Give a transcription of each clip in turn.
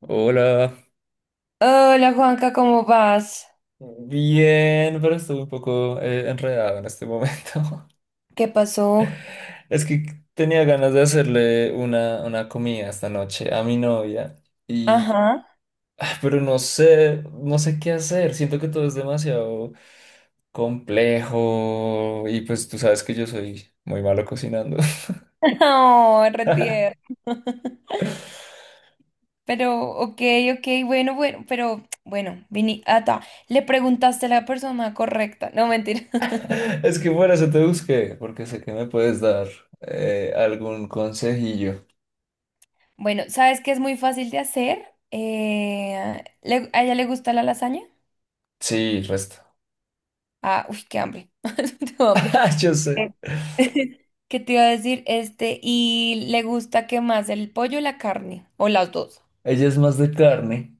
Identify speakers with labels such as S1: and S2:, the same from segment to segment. S1: Hola.
S2: Hola Juanca, ¿cómo vas?
S1: Bien, pero estoy un poco enredado en este momento.
S2: ¿Qué pasó?
S1: Es que tenía ganas de hacerle una comida esta noche a mi novia y
S2: Ajá.
S1: pero no sé qué hacer. Siento que todo es demasiado complejo y pues tú sabes que yo soy muy malo cocinando.
S2: No, retier. Pero, ok, ok, bueno, bueno, pero, bueno, vini, ata, le preguntaste a la persona correcta. No, mentira.
S1: Es que por eso te busqué, porque sé que me puedes dar algún consejillo.
S2: Bueno, ¿sabes qué es muy fácil de hacer? ¿A ella le gusta la lasaña?
S1: Sí, resto.
S2: Ah, uy, qué hambre. Tengo hambre.
S1: Yo sé.
S2: Eh, ¿Qué te iba a decir? Este, ¿y le gusta qué más? ¿El pollo o la carne? ¿O las dos?
S1: Ella es más de carne.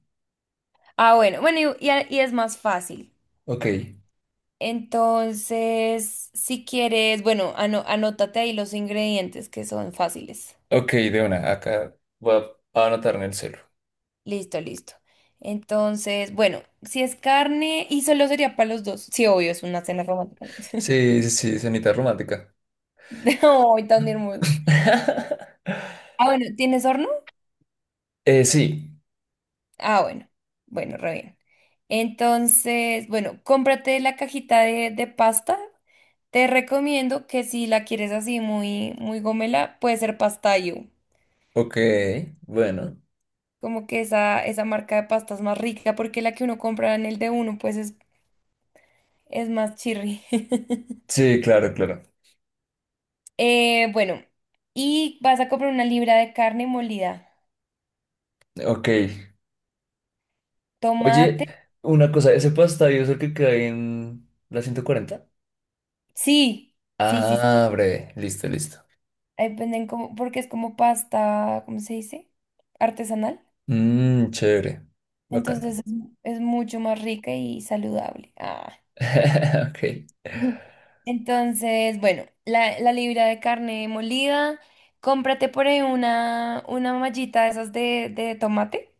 S2: Ah, bueno, bueno, y es más fácil.
S1: Ok,
S2: Entonces, si quieres, bueno, anótate ahí los ingredientes que son fáciles.
S1: ok, de una. Acá voy a anotar en el celu.
S2: Listo, listo. Entonces, bueno, si es carne y solo sería para los dos. Sí, obvio, es una cena romántica, ¿no?
S1: Sí, sí, sí, cenita romántica.
S2: No, tan hermoso. Ah, bueno, ¿tienes horno?
S1: Sí.
S2: Ah, bueno. Bueno, re bien. Entonces, bueno, cómprate la cajita de pasta. Te recomiendo que si la quieres así muy, muy gomela, puede ser pastayo.
S1: Ok, bueno.
S2: Como que esa marca de pasta es más rica porque la que uno compra en el de uno pues es más chirri.
S1: Sí, claro, claro.
S2: Bueno, y vas a comprar 1 libra de carne molida.
S1: Ok. Oye,
S2: Tomate.
S1: una cosa, ¿ese pastadio es el que cae en la 140?
S2: Sí, sí, sí, sí.
S1: Ah, breve. Listo, listo.
S2: Ahí venden como, porque es como pasta, ¿cómo se dice? Artesanal.
S1: Mmm, chévere. Bacano.
S2: Entonces es, ujú, es mucho más rica y saludable. Ah.
S1: Ok,
S2: Ujú. Entonces, bueno, la libra de carne molida. Cómprate por ahí una mallita de esas de tomate.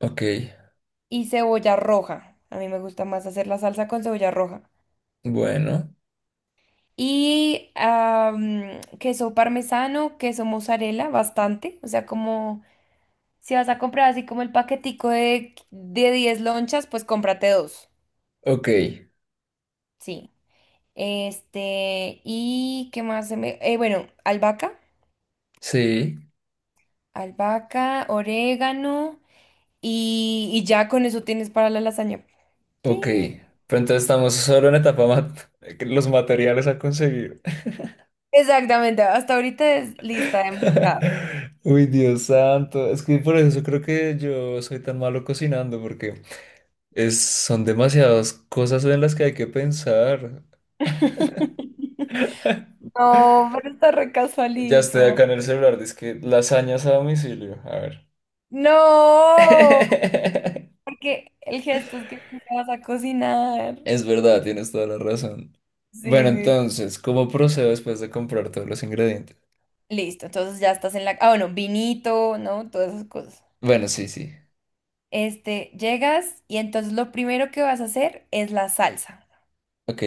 S1: ok.
S2: Y cebolla roja. A mí me gusta más hacer la salsa con cebolla roja.
S1: Bueno,
S2: Y queso parmesano, queso mozzarella, bastante. O sea, como si vas a comprar así como el paquetico de 10 lonchas, pues cómprate dos.
S1: ok.
S2: Sí. Este, ¿y qué más se me...? Bueno, albahaca,
S1: Sí.
S2: albahaca, orégano y ya con eso tienes para la lasaña.
S1: Ok,
S2: Sí.
S1: pero entonces estamos solo en etapa los materiales a conseguir.
S2: Exactamente, hasta ahorita es lista de mercado.
S1: Uy, Dios santo, es que por eso creo que yo soy tan malo cocinando, porque son demasiadas cosas en las que hay que pensar.
S2: No, pero está re
S1: Ya estoy
S2: casualito.
S1: acá en el celular, dice que lasañas a domicilio, a ver.
S2: No, porque el gesto es que tú te vas a cocinar.
S1: Es verdad, tienes toda la razón. Bueno,
S2: Sí, sí.
S1: entonces, ¿cómo procedo después de comprar todos los ingredientes?
S2: Listo, entonces ya estás en la... Ah, bueno, vinito, ¿no? Todas esas cosas.
S1: Bueno, sí, sí.
S2: Este, llegas y entonces lo primero que vas a hacer es la salsa.
S1: Ok,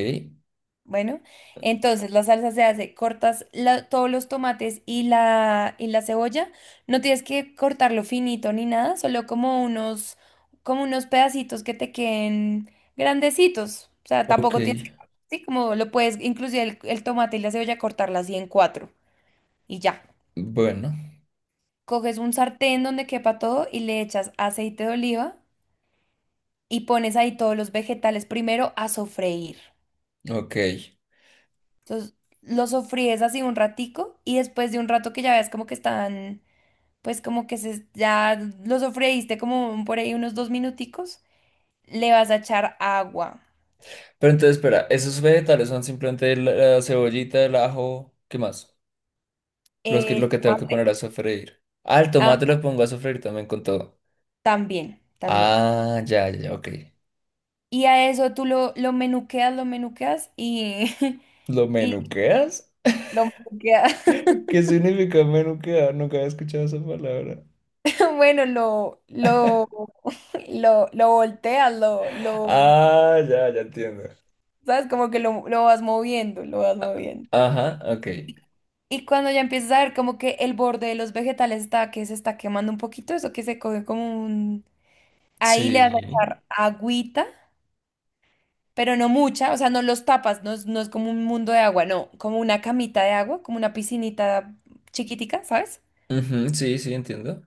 S2: Bueno, entonces la salsa se hace, cortas todos los tomates y la cebolla. No tienes que cortarlo finito ni nada, solo como unos pedacitos que te queden grandecitos. O sea,
S1: ok,
S2: tampoco tienes que, sí, como lo puedes, inclusive el tomate y la cebolla, cortarla así en cuatro y ya.
S1: bueno,
S2: Coges un sartén donde quepa todo y le echas aceite de oliva y pones ahí todos los vegetales primero a sofreír.
S1: ok.
S2: Entonces lo sofríes así un ratico y después de un rato que ya ves como que están, pues como que se, ya lo sofreíste como por ahí unos 2 minuticos, le vas a echar agua.
S1: Pero entonces, espera, esos vegetales son simplemente la cebollita, el ajo, ¿qué más? Lo
S2: El
S1: que tengo que
S2: tomate,
S1: poner a sofreír. Ah, el
S2: ah,
S1: tomate lo pongo a sofreír también con todo.
S2: también, también.
S1: Ah, ya, ya, ya, ok.
S2: Y a eso tú lo menuqueas, lo menuqueas y,
S1: ¿Lo
S2: y
S1: menuqueas?
S2: lo menuqueas.
S1: ¿Qué significa menuquear? Nunca había escuchado esa palabra.
S2: Bueno, lo volteas,
S1: Ah, ya, ya entiendo.
S2: ¿sabes? Como que lo vas moviendo, lo vas moviendo.
S1: Ajá, ok.
S2: Y cuando ya empiezas a ver como que el borde de los vegetales está, que se está quemando un poquito, eso que se coge como un... Ahí le vas a
S1: Sí.
S2: echar agüita, pero no mucha, o sea, no los tapas, no es, no es como un mundo de agua, no, como una camita de agua, como una piscinita chiquitica, ¿sabes?
S1: Ujú, sí, sí, entiendo.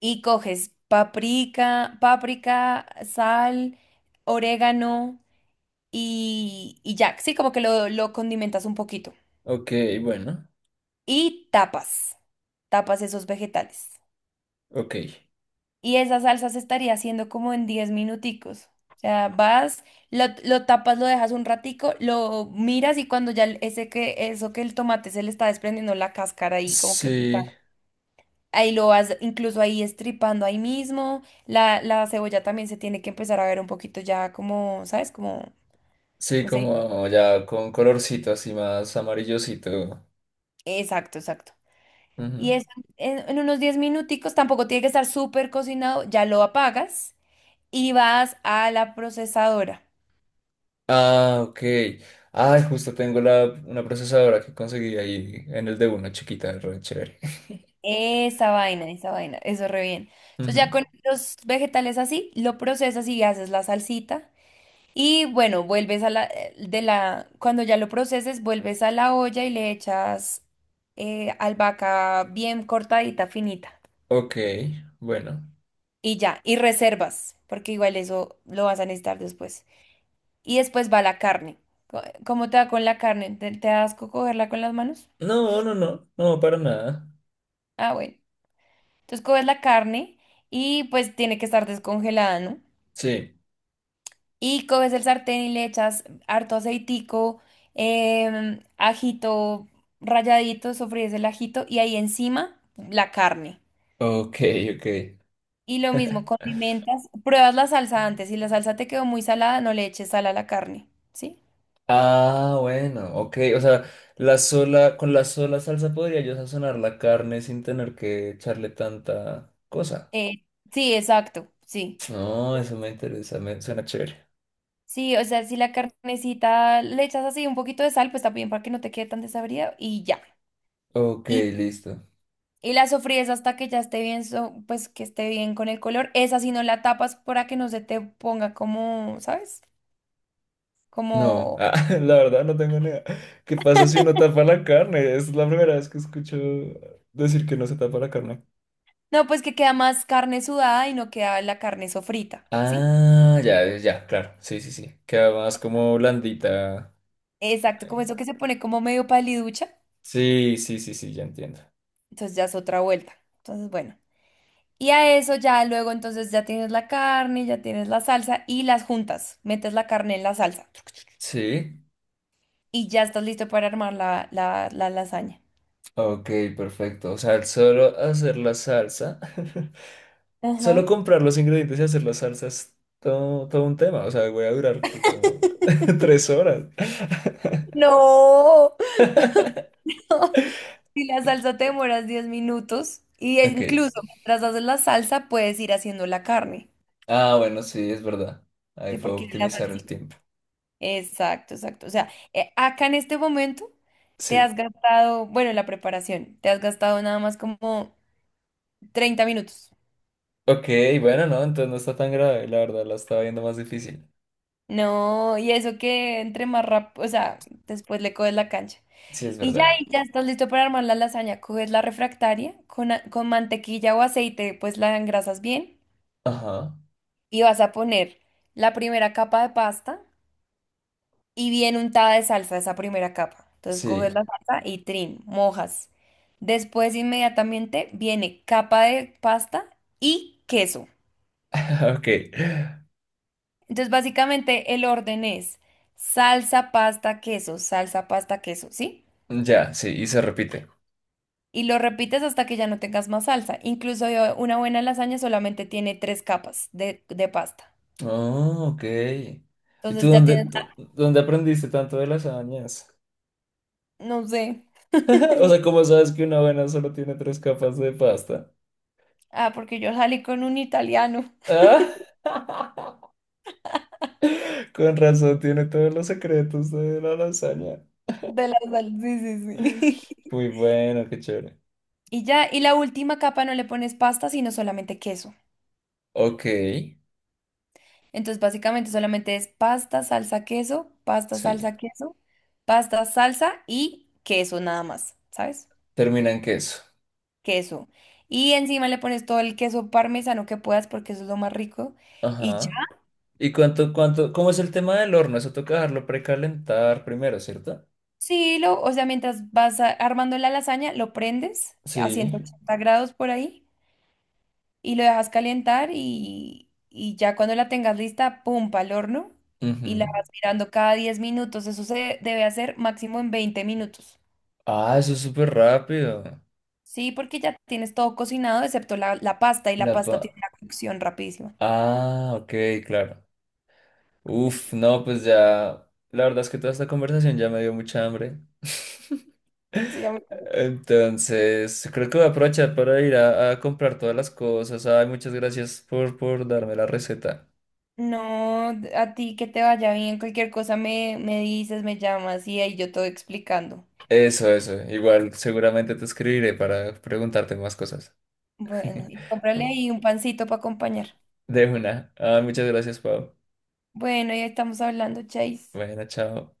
S2: Y coges paprika, páprica, sal, orégano y ya, sí, como que lo condimentas un poquito.
S1: Ok, bueno,
S2: Y tapas, tapas esos vegetales.
S1: ok.
S2: Y esa salsa se estaría haciendo como en 10 minuticos. O sea, vas, lo tapas, lo dejas un ratico, lo miras y cuando ya ese que, eso que el tomate se le está desprendiendo la cáscara ahí, como que está...
S1: Sí,
S2: Ahí lo vas incluso ahí estripando ahí mismo. La cebolla también se tiene que empezar a ver un poquito ya como, ¿sabes? Como,
S1: sí,
S2: no sé,
S1: como ya con colorcito así más amarillosito.
S2: exacto, exacto. Y
S1: Ujú.
S2: eso en unos 10 minuticos, tampoco tiene que estar súper cocinado, ya lo apagas y vas a la procesadora.
S1: Ah, ok. Ay, justo tengo una procesadora que conseguí ahí en el de una chiquita, re chévere.
S2: Esa vaina, eso re bien. Entonces ya
S1: Ujú.
S2: con los vegetales así, lo procesas y haces la salsita. Y bueno, vuelves a la, de la, cuando ya lo proceses, vuelves a la olla y le echas albahaca bien cortadita, finita.
S1: Ok, bueno.
S2: Y ya, y reservas, porque igual eso lo vas a necesitar después. Y después va la carne. ¿Cómo te va con la carne? ¿Te da asco cogerla con las manos?
S1: No, no, no, no, para nada.
S2: Ah, bueno. Entonces coges la carne y pues tiene que estar descongelada, ¿no?
S1: Sí.
S2: Y coges el sartén y le echas harto aceitico, ajito ralladito, sofríes el ajito y ahí encima la carne.
S1: Ok, ok.
S2: Y lo mismo, condimentas, pruebas la salsa antes. Si la salsa te quedó muy salada, no le eches sal a la carne, ¿sí?
S1: Ah, bueno, ok. O sea, la sola, con la sola salsa podría yo sazonar la carne sin tener que echarle tanta cosa.
S2: Eh, sí, exacto, sí.
S1: No, eso me interesa, me suena chévere.
S2: Sí, o sea, si la carnecita le echas así un poquito de sal, pues está bien para que no te quede tan desabrida y ya.
S1: Ok, listo.
S2: Y la sofríes hasta que ya esté bien, pues que esté bien con el color. Esa si no la tapas para que no se te ponga como, ¿sabes?
S1: No,
S2: Como,
S1: ah, la verdad no tengo ni idea. ¿Qué pasa si uno tapa la carne? Es la primera vez que escucho decir que no se tapa la carne.
S2: no, pues que queda más carne sudada y no queda la carne sofrita, ¿sí?
S1: Ah, ya, ya, claro. Sí, sí, sí. Queda más como blandita.
S2: Exacto, como
S1: Ay.
S2: eso que se pone como medio paliducha.
S1: Sí, sí, sí, sí, ya entiendo.
S2: Entonces ya es otra vuelta. Entonces, bueno. Y a eso ya luego entonces ya tienes la carne, ya tienes la salsa y las juntas. Metes la carne en la salsa
S1: Sí.
S2: y ya estás listo para armar la lasaña.
S1: Ok, perfecto. O sea, el solo hacer la salsa. Solo
S2: Ajá.
S1: comprar los ingredientes y hacer la salsa es todo, todo un tema. O sea, voy a durar que como 3 horas.
S2: No. Si la salsa te demoras 10 minutos y e
S1: Ok.
S2: incluso mientras haces la salsa puedes ir haciendo la carne,
S1: Ah, bueno, sí, es verdad. Ahí
S2: ¿sí?
S1: puedo
S2: Porque la
S1: optimizar el
S2: salsita.
S1: tiempo.
S2: Exacto, exacto. O sea, acá en este momento te has
S1: Sí.
S2: gastado, bueno, en la preparación, te has gastado nada más como 30 minutos.
S1: Ok, bueno, no, entonces no está tan grave, la verdad, la estaba viendo más difícil.
S2: No, y eso que entre más rápido, o sea, después le coges la cancha.
S1: Sí, es verdad.
S2: Y ya estás listo para armar la lasaña. Coges la refractaria con, con mantequilla o aceite, pues la engrasas bien
S1: Ajá,
S2: y vas a poner la primera capa de pasta y bien untada de salsa esa primera capa. Entonces coges
S1: sí.
S2: la salsa y trim, mojas. Después inmediatamente viene capa de pasta y queso.
S1: Ok,
S2: Entonces básicamente el orden es salsa, pasta, queso, ¿sí?
S1: ya, sí, y se repite.
S2: Y lo repites hasta que ya no tengas más salsa. Incluso una buena lasaña solamente tiene tres capas de pasta.
S1: Oh, ok. ¿Y tú
S2: Entonces ya
S1: dónde,
S2: tienes,
S1: dónde aprendiste tanto de lasañas?
S2: no sé.
S1: O sea, ¿cómo sabes que una buena solo tiene 3 capas de pasta?
S2: Ah, porque yo salí con un italiano
S1: Ah, con razón, tiene todos los secretos de la lasaña.
S2: de la salsa. Sí, sí, sí.
S1: Muy bueno, qué chévere.
S2: Y ya, y la última capa no le pones pasta, sino solamente queso.
S1: Ok,
S2: Entonces, básicamente solamente es pasta, salsa, queso, pasta,
S1: sí.
S2: salsa, queso, pasta, salsa y queso nada más, ¿sabes?
S1: Termina en queso.
S2: Queso. Y encima le pones todo el queso parmesano que puedas porque eso es lo más rico. Y ya,
S1: Ajá. ¿Y cuánto, cuánto, cómo es el tema del horno? Eso toca dejarlo precalentar primero, ¿cierto?
S2: sí, lo, o sea, mientras vas armando la lasaña, lo prendes a
S1: Sí.
S2: 180 grados por ahí y lo dejas calentar y ya cuando la tengas lista, pum, al horno y la
S1: Ujú.
S2: vas mirando cada 10 minutos. Eso se debe hacer máximo en 20 minutos.
S1: Ah, eso es súper rápido.
S2: Sí, porque ya tienes todo cocinado excepto la pasta y la
S1: La pa...
S2: pasta tiene una cocción rapidísima.
S1: Ah, ok, claro. Uf, no, pues ya. La verdad es que toda esta conversación ya me dio mucha hambre.
S2: Sí, a mí...
S1: Entonces, creo que voy a aprovechar para ir a comprar todas las cosas. Ay, muchas gracias por darme la receta.
S2: No, a ti que te vaya bien, cualquier cosa me dices, me llamas y ahí yo te voy explicando.
S1: Eso, eso. Igual seguramente te escribiré para preguntarte más cosas.
S2: Bueno, y cómprale ahí un pancito para acompañar.
S1: De una. Ah, muchas gracias, Pau.
S2: Bueno, ya estamos hablando, Chase.
S1: Bueno, chao.